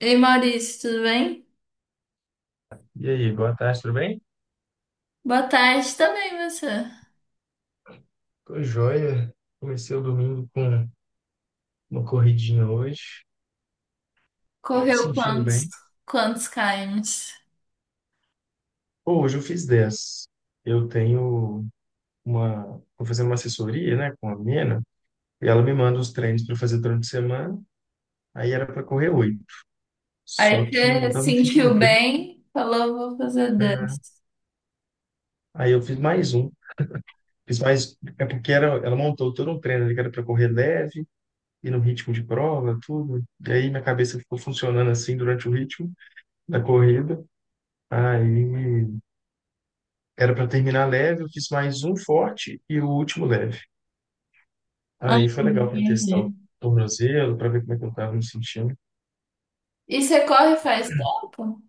Ei Maurício, tudo bem? E aí, boa tarde, tudo bem? Boa tarde também, você. Tô joia. Comecei o domingo com uma corridinha hoje. Tô Correu sentindo quantos, bem. quantos kms? Pô, hoje eu fiz 10. Eu tenho uma. Tô fazendo uma assessoria, né, com a menina, e ela me manda os treinos para fazer durante a semana. Aí era para correr 8. Só Aí que eu você tava me sentindo sentiu bem, bem, falou, vou fazer né? dez. Aí eu fiz mais um. Fiz mais. É porque era, ela montou todo um treino ali que era para correr leve, e no ritmo de prova, tudo. E aí minha cabeça ficou funcionando assim durante o ritmo da corrida. Aí era para terminar leve, eu fiz mais um forte e o último leve. Ah, Aí foi legal para testar o entendi. tornozelo, para ver como é que eu estava me sentindo. E você corre faz tempo?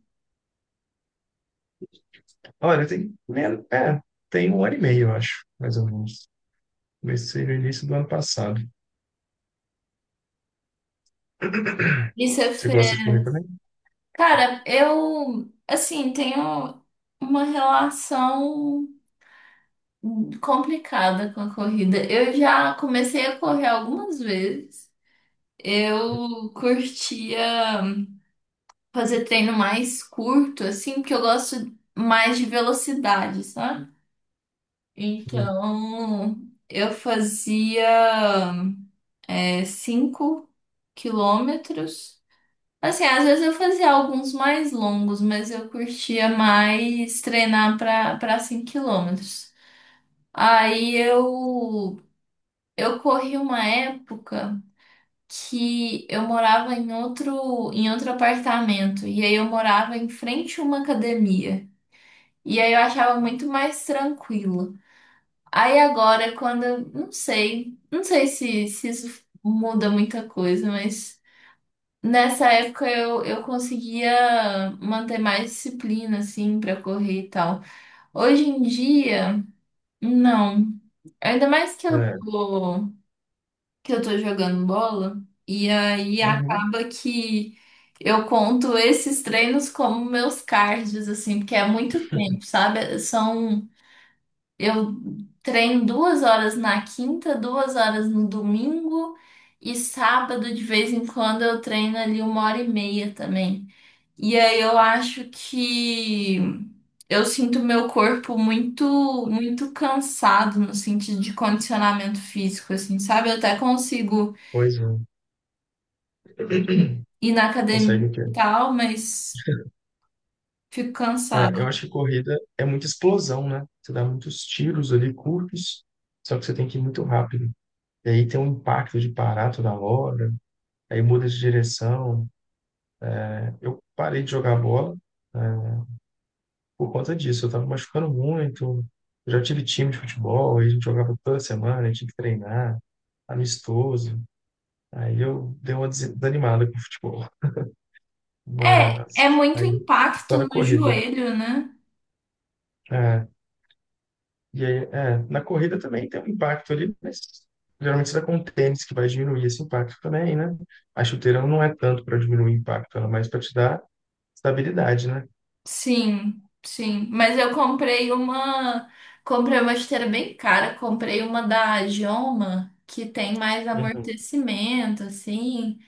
Olha, tem, né, é, tem um ano e meio, eu acho, mais ou menos. Comecei no início do ano passado. E você Você gosta de fez... correr também? Cara, eu, assim, tenho uma relação complicada com a corrida. Eu já comecei a correr algumas vezes. Eu curtia fazer treino mais curto, assim, porque eu gosto mais de velocidade, sabe? Sim. Então, eu fazia 5 km. Assim, às vezes eu fazia alguns mais longos, mas eu curtia mais treinar para 5 km. Aí eu corri uma época que eu morava em outro apartamento e aí eu morava em frente a uma academia. E aí eu achava muito mais tranquilo. Aí agora, quando, não sei, não sei se, se isso muda muita coisa, mas nessa época eu conseguia manter mais disciplina, assim, pra correr e tal. Hoje em dia, não. Ainda mais que eu É. tô, que eu tô jogando bola, e aí Uhum. acaba que eu conto esses treinos como meus cards, assim, porque é muito tempo, sabe? São eu treino 2 horas na quinta, 2 horas no domingo e sábado de vez em quando eu treino ali 1 hora e meia também. E aí eu acho que eu sinto meu corpo muito, muito cansado no sentido de condicionamento físico, assim, sabe? Eu até consigo Pois é. ir na academia Consegue o quê? e tal, mas fico É, cansado. eu acho que corrida é muita explosão, né? Você dá muitos tiros ali curtos, só que você tem que ir muito rápido. E aí tem um impacto de parar toda hora. Aí muda de direção. Eu parei de jogar bola, né, por conta disso. Eu estava machucando muito. Eu já tive time de futebol, aí a gente jogava toda semana, a gente tinha que treinar, amistoso. Aí eu dei uma desanimada com o futebol. É, é Mas muito aí eu impacto só na no corrida. joelho, né? É, e aí, na corrida também tem um impacto ali, mas geralmente você tá com um tênis que vai diminuir esse impacto também, né? A chuteira não é tanto para diminuir o impacto, ela é mais para te dar estabilidade, né? Sim, sim. Mas eu comprei uma. Comprei uma esteira bem cara. Comprei uma da Joma, que tem mais Uhum. amortecimento, assim.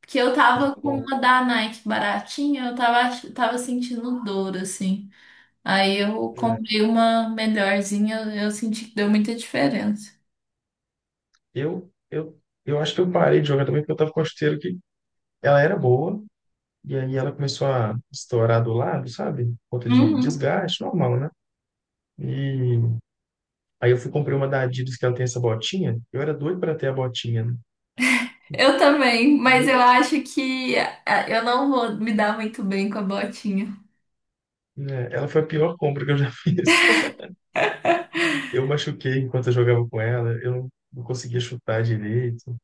Porque eu Tá tava com bom. uma da Nike baratinha, eu tava, tava sentindo dor, assim. Aí eu É. comprei uma melhorzinha, eu senti que deu muita diferença. Eu acho que eu parei de jogar também porque eu tava com a chuteira que ela era boa e aí ela começou a estourar do lado, sabe? Por conta de Uhum. desgaste, normal, né? E aí eu fui comprei uma da Adidas que ela tem essa botinha. Eu era doido para ter a botinha, né? Eu também, E mas eu, eu acho que ah, eu não vou me dar muito bem com a botinha. né, ela foi a pior compra que eu já fiz. Eu machuquei enquanto eu jogava com ela, eu não conseguia chutar direito,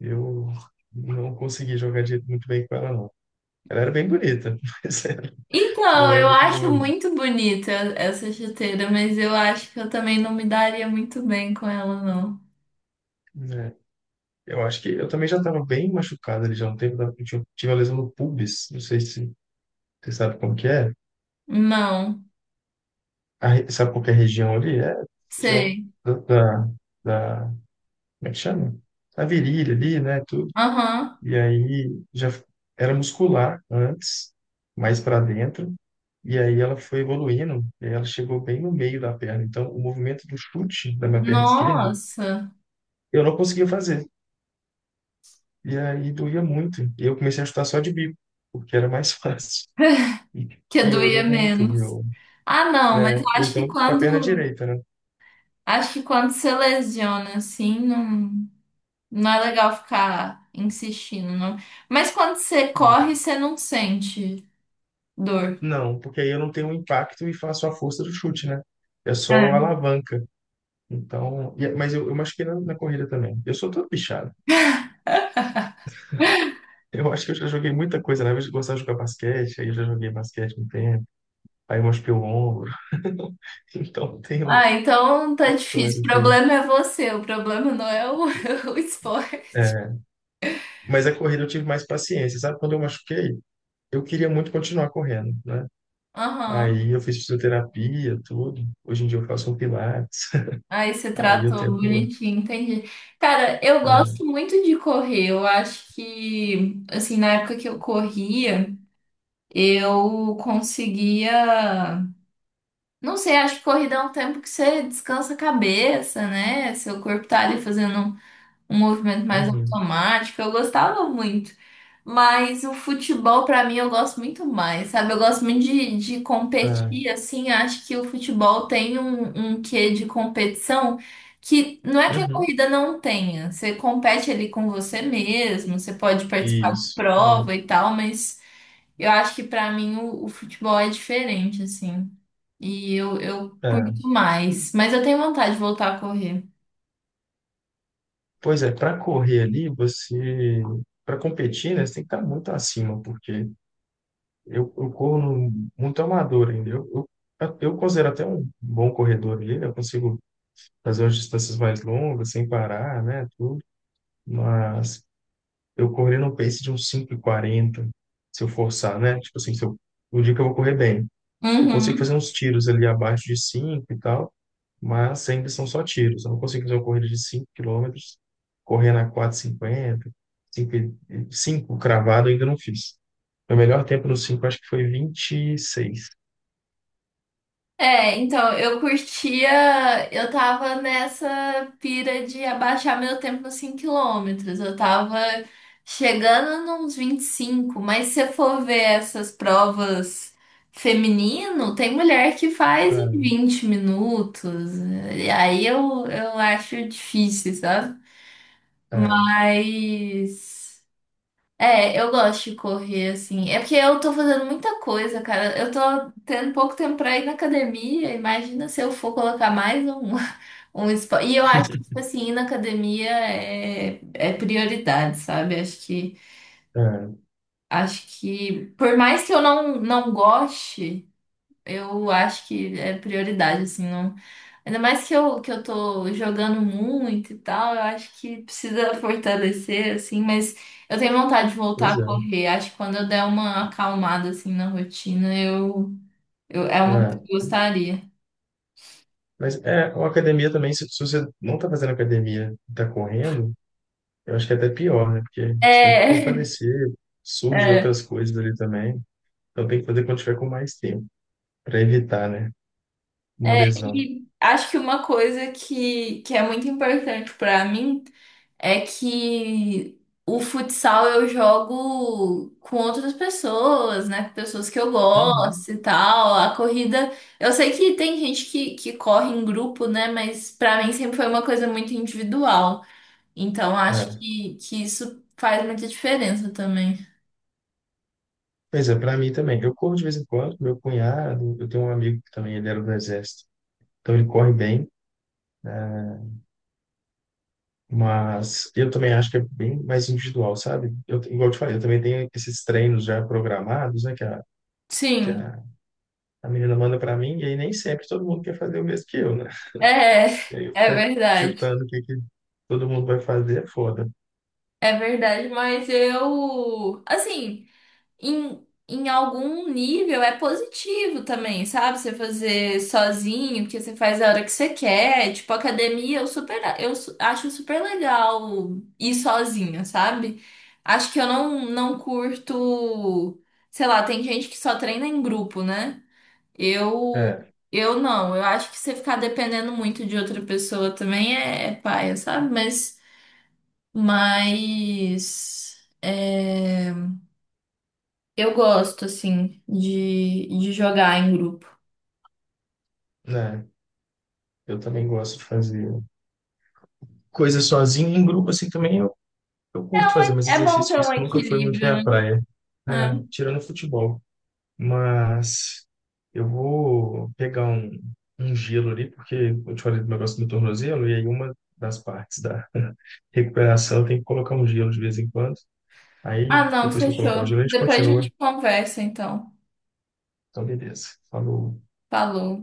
eu não conseguia jogar muito bem com ela, não. Ela era bem bonita, mas ela Então, não é eu muito acho boa, não. muito bonita essa chuteira, mas eu acho que eu também não me daria muito bem com ela, não. É. Eu acho que eu também já estava bem machucado ali já há um tempo, eu tive uma lesão no pubis, não sei se você sabe como que é. Não, Sabe qual que é a região ali? É a região sei. da, da, da como é que chama? A virilha ali, né, tudo. Aham. E aí era muscular antes, mais para dentro, e aí ela foi evoluindo, e ela chegou bem no meio da perna. Então, o movimento do chute da minha perna esquerda, Nossa, eu não conseguia fazer. E aí doía muito. E eu comecei a chutar só de bico, porque era mais fácil. E que doía piorou muito, menos. meu. Ah, não, mas eu Né? Ou então com a perna direita, né? acho que quando você lesiona, assim, não, não é legal ficar insistindo, não. Mas quando você corre, você não sente dor. Não, porque aí eu não tenho impacto e faço a força do chute, né? É só a É. alavanca. Então, mas eu machuquei na corrida também. Eu sou todo bichado. Eu acho que eu já joguei muita coisa, né? Eu gostava de jogar basquete, aí eu já joguei basquete um tempo, aí eu machuquei o ombro. Então, tenho Ah, então tá difícil. O histórias aí. problema é você, o problema não é o, o esporte. É, mas a corrida eu tive mais paciência, sabe? Quando eu machuquei, eu queria muito continuar correndo, né? Aham, Aí eu fiz fisioterapia, tudo. Hoje em dia eu faço um pilates. aí você Aí eu tratou tento. bonitinho, entendi. Cara, eu Ah, gosto muito de correr. Eu acho que, assim, na época que eu corria, eu conseguia. Não sei, acho que corrida é um tempo que você descansa a cabeça, né? Seu corpo tá ali fazendo um movimento mais uhum, automático, eu gostava muito. Mas o futebol, pra mim, eu gosto muito mais, sabe? Eu gosto muito de ah, competir, assim, acho que o futebol tem um, um quê de competição que não é que a uhum, corrida não tenha. Você compete ali com você mesmo, você pode participar de isso. Ah, prova e tal, mas eu acho que pra mim o futebol é diferente, assim. E eu tá. curto mais. Mas eu tenho vontade de voltar a correr. Pois é, para correr ali, você. Para competir, né, você tem que estar muito acima, porque eu corro muito amador ainda. Eu considero até um bom corredor ali, né? Eu consigo fazer umas distâncias mais longas, sem parar, né? Tudo. Mas eu corri no pace de uns cinco e quarenta se eu forçar, né? Tipo assim, se eu, o dia que eu vou correr bem. Eu consigo Uhum. fazer uns tiros ali abaixo de 5 e tal, mas ainda são só tiros. Eu não consigo fazer uma corrida de 5 km, correndo a 4:50, 5, 5 cravado, eu ainda não fiz. Meu melhor tempo no 5 acho que foi 26. É, então, eu curtia, eu tava nessa pira de abaixar meu tempo nos 5 km. Eu tava chegando nos 25, mas se eu for ver essas provas feminino, tem mulher que faz em 20 minutos. E aí eu acho difícil, sabe? É, é, Mas é, eu gosto de correr, assim. É porque eu tô fazendo muita coisa, cara. Eu tô tendo pouco tempo pra ir na academia. Imagina se eu for colocar mais um, um esporte. E eu acho que, tipo assim, ir na academia é, é prioridade, sabe? É, Acho que, por mais que eu não, não goste. Eu acho que é prioridade, assim, não. Ainda mais que eu tô jogando muito e tal, eu acho que precisa fortalecer, assim, mas eu tenho vontade de voltar pois a é. correr. Acho que quando eu der uma acalmada, assim, na rotina, eu é uma coisa que eu É. gostaria. Mas é, uma academia também, se você não está fazendo academia e está correndo, eu acho que é até pior, né? Porque você tem que É, fortalecer, surge é, outras coisas ali também. Então tem que fazer quando tiver com mais tempo, para evitar, né? Uma é. lesão. E acho que uma coisa que é muito importante pra mim. É que o futsal eu jogo com outras pessoas, né? Com pessoas que eu Uhum. gosto e tal. A corrida, eu sei que tem gente que corre em grupo, né? Mas pra mim sempre foi uma coisa muito individual. Então acho É. Que isso faz muita diferença também. Pois é, para mim também. Eu corro de vez em quando, meu cunhado, eu tenho um amigo que também ele era do exército. Então ele corre bem, mas eu também acho que é bem mais individual, sabe? Eu, igual eu te falei, eu também tenho esses treinos já programados, né, que a, que Sim, a, a menina manda para mim, e aí nem sempre todo mundo quer fazer o mesmo que eu, né? é, E aí eu é ficar verdade. digitando o que todo mundo vai fazer é foda. É verdade, mas eu, assim, em, em algum nível é positivo também, sabe? Você fazer sozinho, porque você faz a hora que você quer. Tipo, academia, eu super, acho super legal ir sozinha, sabe? Acho que eu não, não curto, sei lá, tem gente que só treina em grupo, né? Eu, É, eu não, eu acho que você ficar dependendo muito de outra pessoa também é, é paia, sabe? Mas, é. Eu gosto, assim, de jogar em grupo. né? Eu também gosto de fazer coisas sozinho, em grupo assim também. Eu curto fazer, mas É bom exercício ter um físico nunca foi equilíbrio, muito minha né? praia. É, É. tirando futebol. Mas eu vou pegar um gelo ali, porque eu te falei do negócio do tornozelo, e aí uma das partes da recuperação tem que colocar um gelo de vez em quando. Aí, Ah, não, depois que eu colocar o fechou. gelo, a gente Depois a continua. gente conversa, então. Então, beleza. Falou. Falou.